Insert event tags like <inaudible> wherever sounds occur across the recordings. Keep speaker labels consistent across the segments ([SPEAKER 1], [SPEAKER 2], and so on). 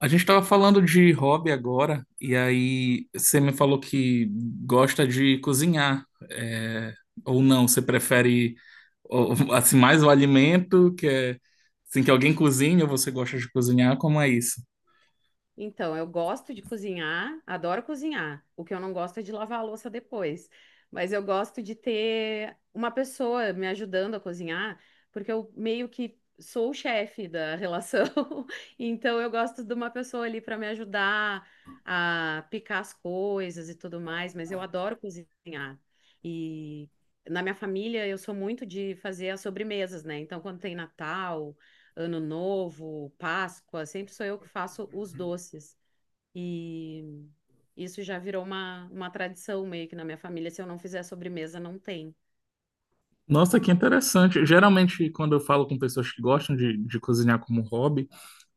[SPEAKER 1] A gente estava falando de hobby agora, e aí você me falou que gosta de cozinhar, é, ou não, você prefere assim mais o alimento, que é assim que alguém cozinha, ou você gosta de cozinhar, como é isso?
[SPEAKER 2] Então, eu gosto de cozinhar, adoro cozinhar. O que eu não gosto é de lavar a louça depois. Mas eu gosto de ter uma pessoa me ajudando a cozinhar, porque eu meio que sou o chefe da relação. <laughs> Então, eu gosto de uma pessoa ali para me ajudar a picar as coisas e tudo mais. Mas eu adoro cozinhar. E na minha família, eu sou muito de fazer as sobremesas, né? Então, quando tem Natal. Ano Novo, Páscoa, sempre sou eu que faço os doces. E isso já virou uma tradição meio que na minha família. Se eu não fizer sobremesa, não tem.
[SPEAKER 1] Nossa, que interessante. Geralmente, quando eu falo com pessoas que gostam de cozinhar como hobby,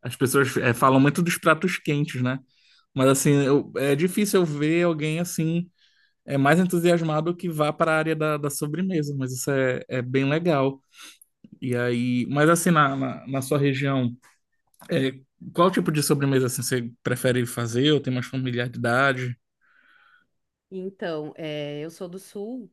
[SPEAKER 1] as pessoas falam muito dos pratos quentes, né? Mas assim, é difícil eu ver alguém assim mais entusiasmado que vá para a área da sobremesa, mas é bem legal. E aí, mas assim, na sua região, é, qual tipo de sobremesa assim, você prefere fazer ou tem mais familiaridade?
[SPEAKER 2] Então, é, eu sou do Sul,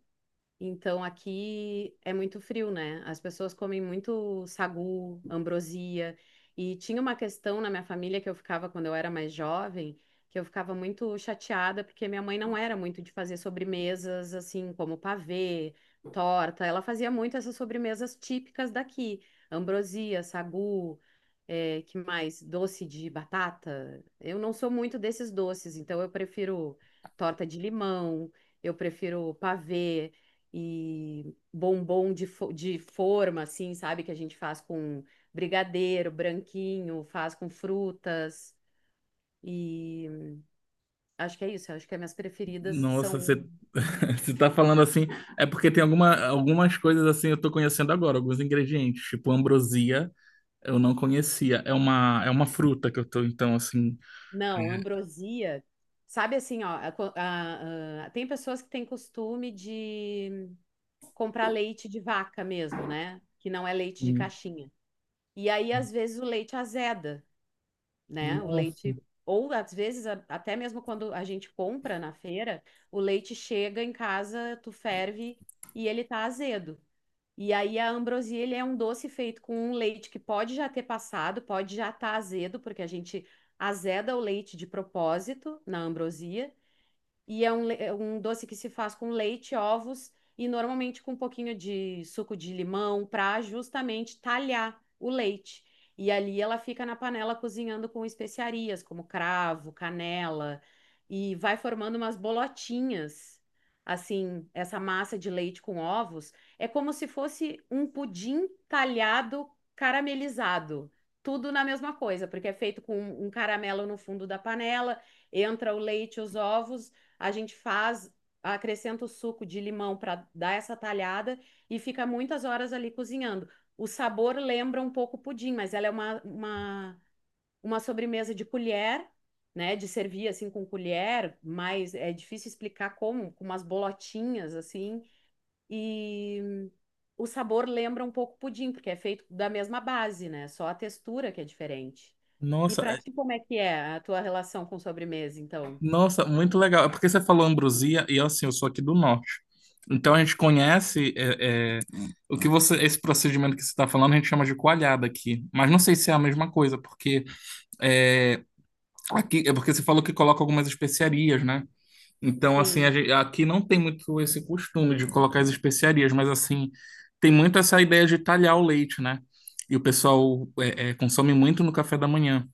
[SPEAKER 2] então aqui é muito frio, né? As pessoas comem muito sagu, ambrosia. E tinha uma questão na minha família que eu ficava quando eu era mais jovem, que eu ficava muito chateada porque minha mãe não era muito de fazer sobremesas assim como pavê, torta. Ela fazia muito essas sobremesas típicas daqui, ambrosia, sagu, eh, que mais? Doce de batata. Eu não sou muito desses doces, então eu prefiro torta de limão. Eu prefiro pavê, e bombom de, de forma, assim, sabe? Que a gente faz com brigadeiro, branquinho, faz com frutas. E acho que é isso. Acho que as minhas preferidas
[SPEAKER 1] Nossa,
[SPEAKER 2] são.
[SPEAKER 1] você, <laughs> você tá falando assim, é porque tem algumas coisas assim eu tô conhecendo agora, alguns ingredientes, tipo ambrosia, eu não conhecia. É uma fruta que eu tô, então, assim.
[SPEAKER 2] Não, ambrosia. Sabe assim, ó, a co- a- tem pessoas que têm costume de comprar leite de vaca mesmo, né? Que não é leite de
[SPEAKER 1] Hum.
[SPEAKER 2] caixinha. E aí, às vezes, o leite azeda, né? O
[SPEAKER 1] Nossa,
[SPEAKER 2] leite, ou às vezes, até mesmo quando a gente compra na feira, o leite chega em casa, tu ferve e ele tá azedo. E aí a ambrosia, ele é um doce feito com um leite que pode já ter passado, pode já estar azedo, porque a gente azeda o leite de propósito na ambrosia, e é é um doce que se faz com leite, ovos e normalmente com um pouquinho de suco de limão para justamente talhar o leite. E ali ela fica na panela cozinhando com especiarias como cravo, canela e vai formando umas bolotinhas. Assim, essa massa de leite com ovos é como se fosse um pudim talhado caramelizado. Tudo na mesma coisa, porque é feito com um caramelo no fundo da panela, entra o leite, os ovos a gente faz, acrescenta o suco de limão para dar essa talhada e fica muitas horas ali cozinhando. O sabor lembra um pouco o pudim, mas ela é uma sobremesa de colher, né? De servir assim com colher, mas é difícil explicar como, com umas bolotinhas assim. E o sabor lembra um pouco o pudim, porque é feito da mesma base, né? Só a textura que é diferente. E
[SPEAKER 1] nossa.
[SPEAKER 2] para ti, como é que é a tua relação com sobremesa, então?
[SPEAKER 1] Nossa, muito legal. É porque você falou Ambrosia e assim, eu sou aqui do norte. Então a gente conhece o que você, esse procedimento que você está falando, a gente chama de coalhada aqui. Mas não sei se é a mesma coisa, porque é, aqui é porque você falou que coloca algumas especiarias, né? Então assim,
[SPEAKER 2] Sim.
[SPEAKER 1] aqui não tem muito esse costume de colocar as especiarias, mas assim tem muito essa ideia de talhar o leite, né? E o pessoal consome muito no café da manhã.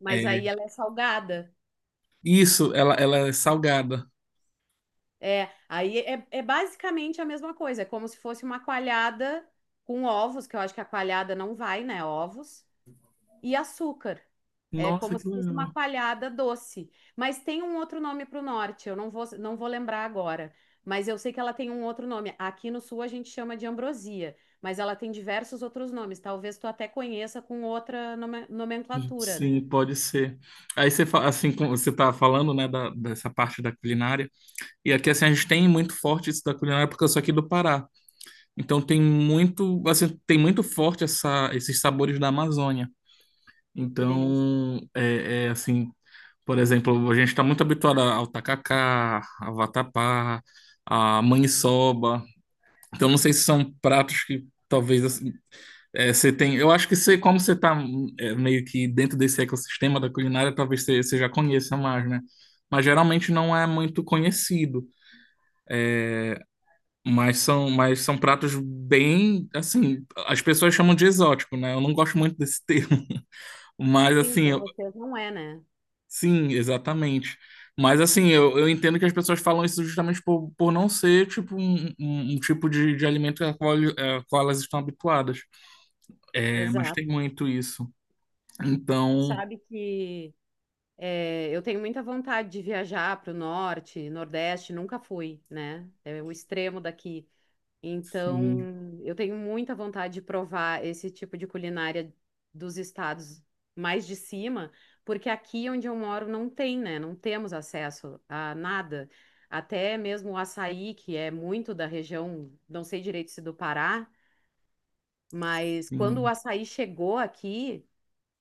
[SPEAKER 2] Mas aí
[SPEAKER 1] É.
[SPEAKER 2] ela é salgada.
[SPEAKER 1] Isso, ela é salgada.
[SPEAKER 2] É, aí é, é basicamente a mesma coisa, é como se fosse uma coalhada com ovos, que eu acho que a coalhada não vai, né? Ovos e açúcar. É
[SPEAKER 1] Nossa,
[SPEAKER 2] como se
[SPEAKER 1] que
[SPEAKER 2] fosse uma
[SPEAKER 1] legal.
[SPEAKER 2] coalhada doce. Mas tem um outro nome para o norte, eu não vou lembrar agora. Mas eu sei que ela tem um outro nome. Aqui no sul a gente chama de ambrosia, mas ela tem diversos outros nomes. Talvez tu até conheça com outra nomenclatura, né?
[SPEAKER 1] Sim, pode ser. Assim, como você tá falando, né, dessa parte da culinária. E aqui assim a gente tem muito forte isso da culinária porque eu sou aqui do Pará. Então tem muito, assim, tem muito forte essa esses sabores da Amazônia.
[SPEAKER 2] Que delícia.
[SPEAKER 1] Então, assim, por exemplo, a gente está muito habituado ao tacacá, ao vatapá, à maniçoba. Então não sei se são pratos que talvez assim, você tem, eu acho que você, como você está meio que dentro desse ecossistema da culinária, talvez você já conheça mais, né? Mas geralmente não é muito conhecido. Mas são pratos bem, assim, as pessoas chamam de exótico, né? Eu não gosto muito desse termo. <laughs> Mas
[SPEAKER 2] Sim,
[SPEAKER 1] assim,
[SPEAKER 2] para vocês não é, né?
[SPEAKER 1] sim, exatamente. Mas assim, eu entendo que as pessoas falam isso justamente por não ser tipo um tipo de alimento ao qual, ao qual elas estão habituadas. É, mas
[SPEAKER 2] Exato.
[SPEAKER 1] tem muito isso. Então,
[SPEAKER 2] Sabe que é, eu tenho muita vontade de viajar para o norte, nordeste, nunca fui, né? É o extremo daqui.
[SPEAKER 1] sim.
[SPEAKER 2] Então, eu tenho muita vontade de provar esse tipo de culinária dos estados mais de cima, porque aqui onde eu moro não tem, né? Não temos acesso a nada. Até mesmo o açaí, que é muito da região, não sei direito se do Pará, mas quando o
[SPEAKER 1] Sim.
[SPEAKER 2] açaí chegou aqui.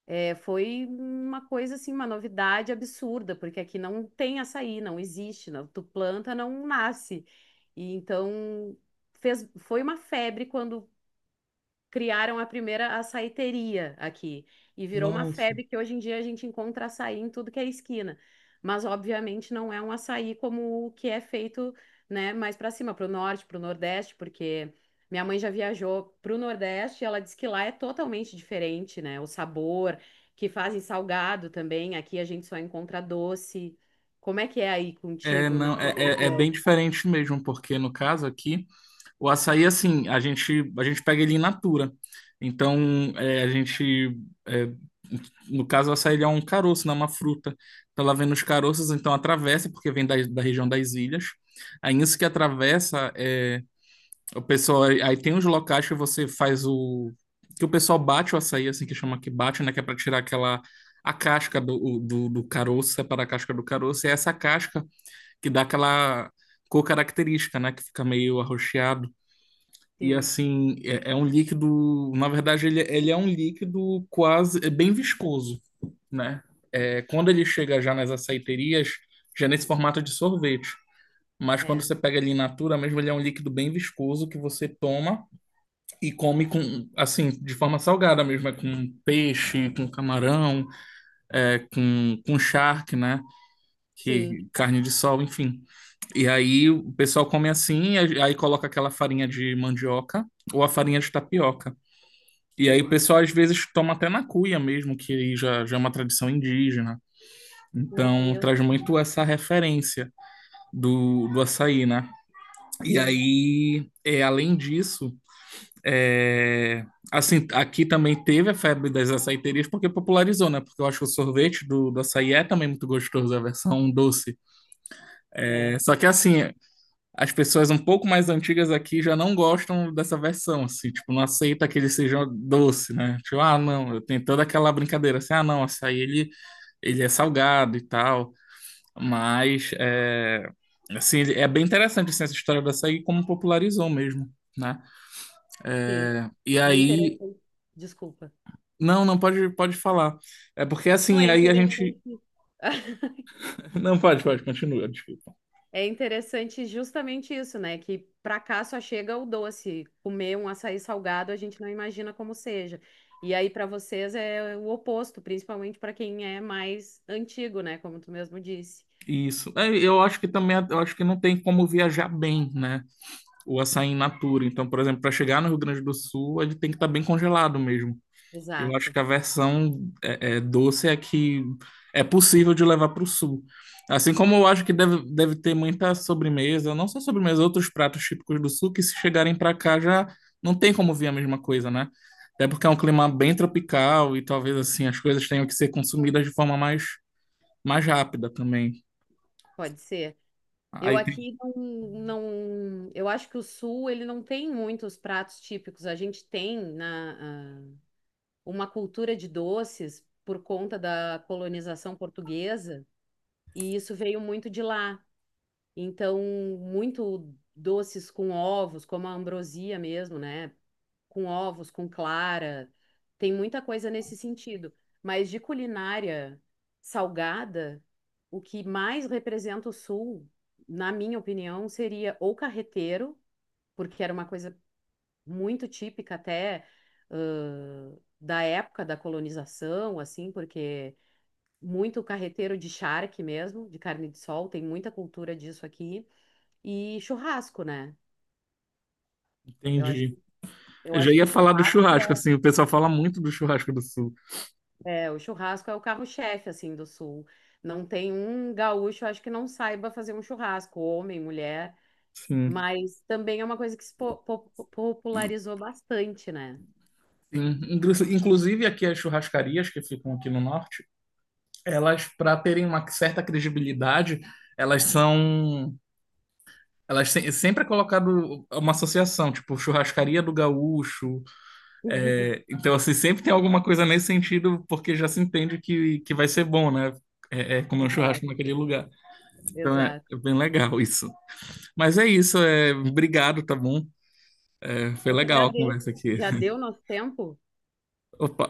[SPEAKER 2] É, foi uma coisa assim, uma novidade absurda, porque aqui não tem açaí, não existe, não, tu planta, não nasce. E então fez, foi uma febre quando criaram a primeira açaiteria aqui. E virou uma
[SPEAKER 1] Nossa.
[SPEAKER 2] febre que hoje em dia a gente encontra açaí em tudo que é esquina. Mas, obviamente, não é um açaí como o que é feito, né, mais para cima, para o norte, para o nordeste, porque minha mãe já viajou para o nordeste e ela disse que lá é totalmente diferente, né? O sabor, que fazem salgado também. Aqui a gente só encontra doce. Como é que é aí
[SPEAKER 1] É,
[SPEAKER 2] contigo, na
[SPEAKER 1] não, é,
[SPEAKER 2] tua
[SPEAKER 1] é bem
[SPEAKER 2] região?
[SPEAKER 1] diferente mesmo, porque no caso aqui, o açaí, assim, a gente pega ele in natura. Então, é, a gente, é, no caso, o açaí ele é um caroço, não é uma fruta. Então, ela vem nos caroços, então atravessa, porque vem da região das ilhas. Aí, isso que atravessa é, O pessoal, aí tem uns locais que você faz o. Que o pessoal bate o açaí, assim, que chama que bate, né? Que é pra tirar aquela. A casca do caroço, separar a casca do caroço. E é essa casca que dá aquela cor característica, né? Que fica meio arroxeado. E
[SPEAKER 2] Sim,
[SPEAKER 1] assim, é um líquido. Na verdade, ele é um líquido quase. É bem viscoso, né? É, quando ele chega já nas açaiterias, já é nesse formato de sorvete. Mas quando
[SPEAKER 2] é.
[SPEAKER 1] você pega ele in natura mesmo, ele é um líquido bem viscoso que você toma. E come com, assim, de forma salgada mesmo, é com peixe, com camarão, com charque, né?
[SPEAKER 2] Sim,
[SPEAKER 1] Que, carne de sol, enfim. E aí o pessoal come assim, e aí coloca aquela farinha de mandioca ou a farinha de tapioca.
[SPEAKER 2] que
[SPEAKER 1] E aí o
[SPEAKER 2] delícia.
[SPEAKER 1] pessoal às vezes toma até na cuia mesmo, que aí já é uma tradição indígena.
[SPEAKER 2] Meu
[SPEAKER 1] Então
[SPEAKER 2] Deus.
[SPEAKER 1] traz muito essa referência do açaí, né? E
[SPEAKER 2] Sim,
[SPEAKER 1] aí, é, além disso, É, assim, aqui também teve a febre das açaiterias porque popularizou, né? Porque eu acho que o sorvete do açaí é também muito gostoso, a versão doce.
[SPEAKER 2] é.
[SPEAKER 1] É, só que assim, as pessoas um pouco mais antigas aqui já não gostam dessa versão, assim, tipo, não aceita que ele seja doce, né? Tipo, ah, não, tem toda aquela brincadeira assim, ah, não, ele é salgado e tal, mas é, assim, é bem interessante assim, essa história do açaí como popularizou mesmo, né?
[SPEAKER 2] Sim,
[SPEAKER 1] E
[SPEAKER 2] é
[SPEAKER 1] aí
[SPEAKER 2] interessante. Desculpa.
[SPEAKER 1] não não pode, pode falar. É porque
[SPEAKER 2] Não,
[SPEAKER 1] assim,
[SPEAKER 2] é
[SPEAKER 1] aí a gente.
[SPEAKER 2] interessante. <laughs>
[SPEAKER 1] <laughs> Não pode, pode, continua, desculpa.
[SPEAKER 2] É interessante justamente isso, né? Que pra cá só chega o doce. Comer um açaí salgado, a gente não imagina como seja. E aí pra vocês é o oposto, principalmente pra quem é mais antigo, né? Como tu mesmo disse.
[SPEAKER 1] Isso. É, eu acho que também, eu acho que não tem como viajar bem, né? O açaí in natura. Então, por exemplo, para chegar no Rio Grande do Sul, ele tem que estar bem congelado mesmo. Eu acho
[SPEAKER 2] Exato,
[SPEAKER 1] que a versão doce é que é possível de levar para o sul. Assim como eu acho que deve ter muita sobremesa, não só sobremesa, outros pratos típicos do sul que se chegarem para cá já não tem como vir a mesma coisa, né? Até porque é um clima bem tropical e talvez assim as coisas tenham que ser consumidas de forma mais, mais rápida também.
[SPEAKER 2] pode ser. Eu
[SPEAKER 1] Aí tem-
[SPEAKER 2] aqui não, não, eu acho que o sul ele não tem muitos pratos típicos. A gente tem na, ah, uma cultura de doces por conta da colonização portuguesa, e isso veio muito de lá. Então, muito doces com ovos, como a ambrosia mesmo, né? Com ovos, com clara. Tem muita coisa nesse sentido. Mas de culinária salgada, o que mais representa o Sul, na minha opinião, seria ou carreteiro, porque era uma coisa muito típica até da época da colonização, assim, porque muito carreteiro de charque mesmo, de carne de sol, tem muita cultura disso aqui. E churrasco, né? Eu acho
[SPEAKER 1] entendi.
[SPEAKER 2] que, eu
[SPEAKER 1] Eu já
[SPEAKER 2] acho que
[SPEAKER 1] ia
[SPEAKER 2] o
[SPEAKER 1] falar do
[SPEAKER 2] churrasco
[SPEAKER 1] churrasco, assim, o pessoal fala muito do churrasco do sul.
[SPEAKER 2] o churrasco é o carro-chefe, assim, do sul. Não tem um gaúcho, acho que não saiba fazer um churrasco, homem, mulher,
[SPEAKER 1] Sim.
[SPEAKER 2] mas também é uma coisa que se po- po- popularizou bastante, né?
[SPEAKER 1] Inclusive aqui as churrascarias que ficam aqui no norte. Elas, para terem uma certa credibilidade, elas são. Elas se- sempre é colocado uma associação, tipo churrascaria do gaúcho.
[SPEAKER 2] <laughs>
[SPEAKER 1] É, então, assim, sempre tem alguma coisa nesse sentido, porque já se entende que vai ser bom, né? É, é comer um churrasco
[SPEAKER 2] Exato,
[SPEAKER 1] naquele lugar. Então é
[SPEAKER 2] exato.
[SPEAKER 1] bem legal isso. Mas é isso, é, obrigado, tá bom? É, foi
[SPEAKER 2] Eu que
[SPEAKER 1] legal a
[SPEAKER 2] agradeço.
[SPEAKER 1] conversa aqui.
[SPEAKER 2] Já deu nosso tempo?
[SPEAKER 1] Opa.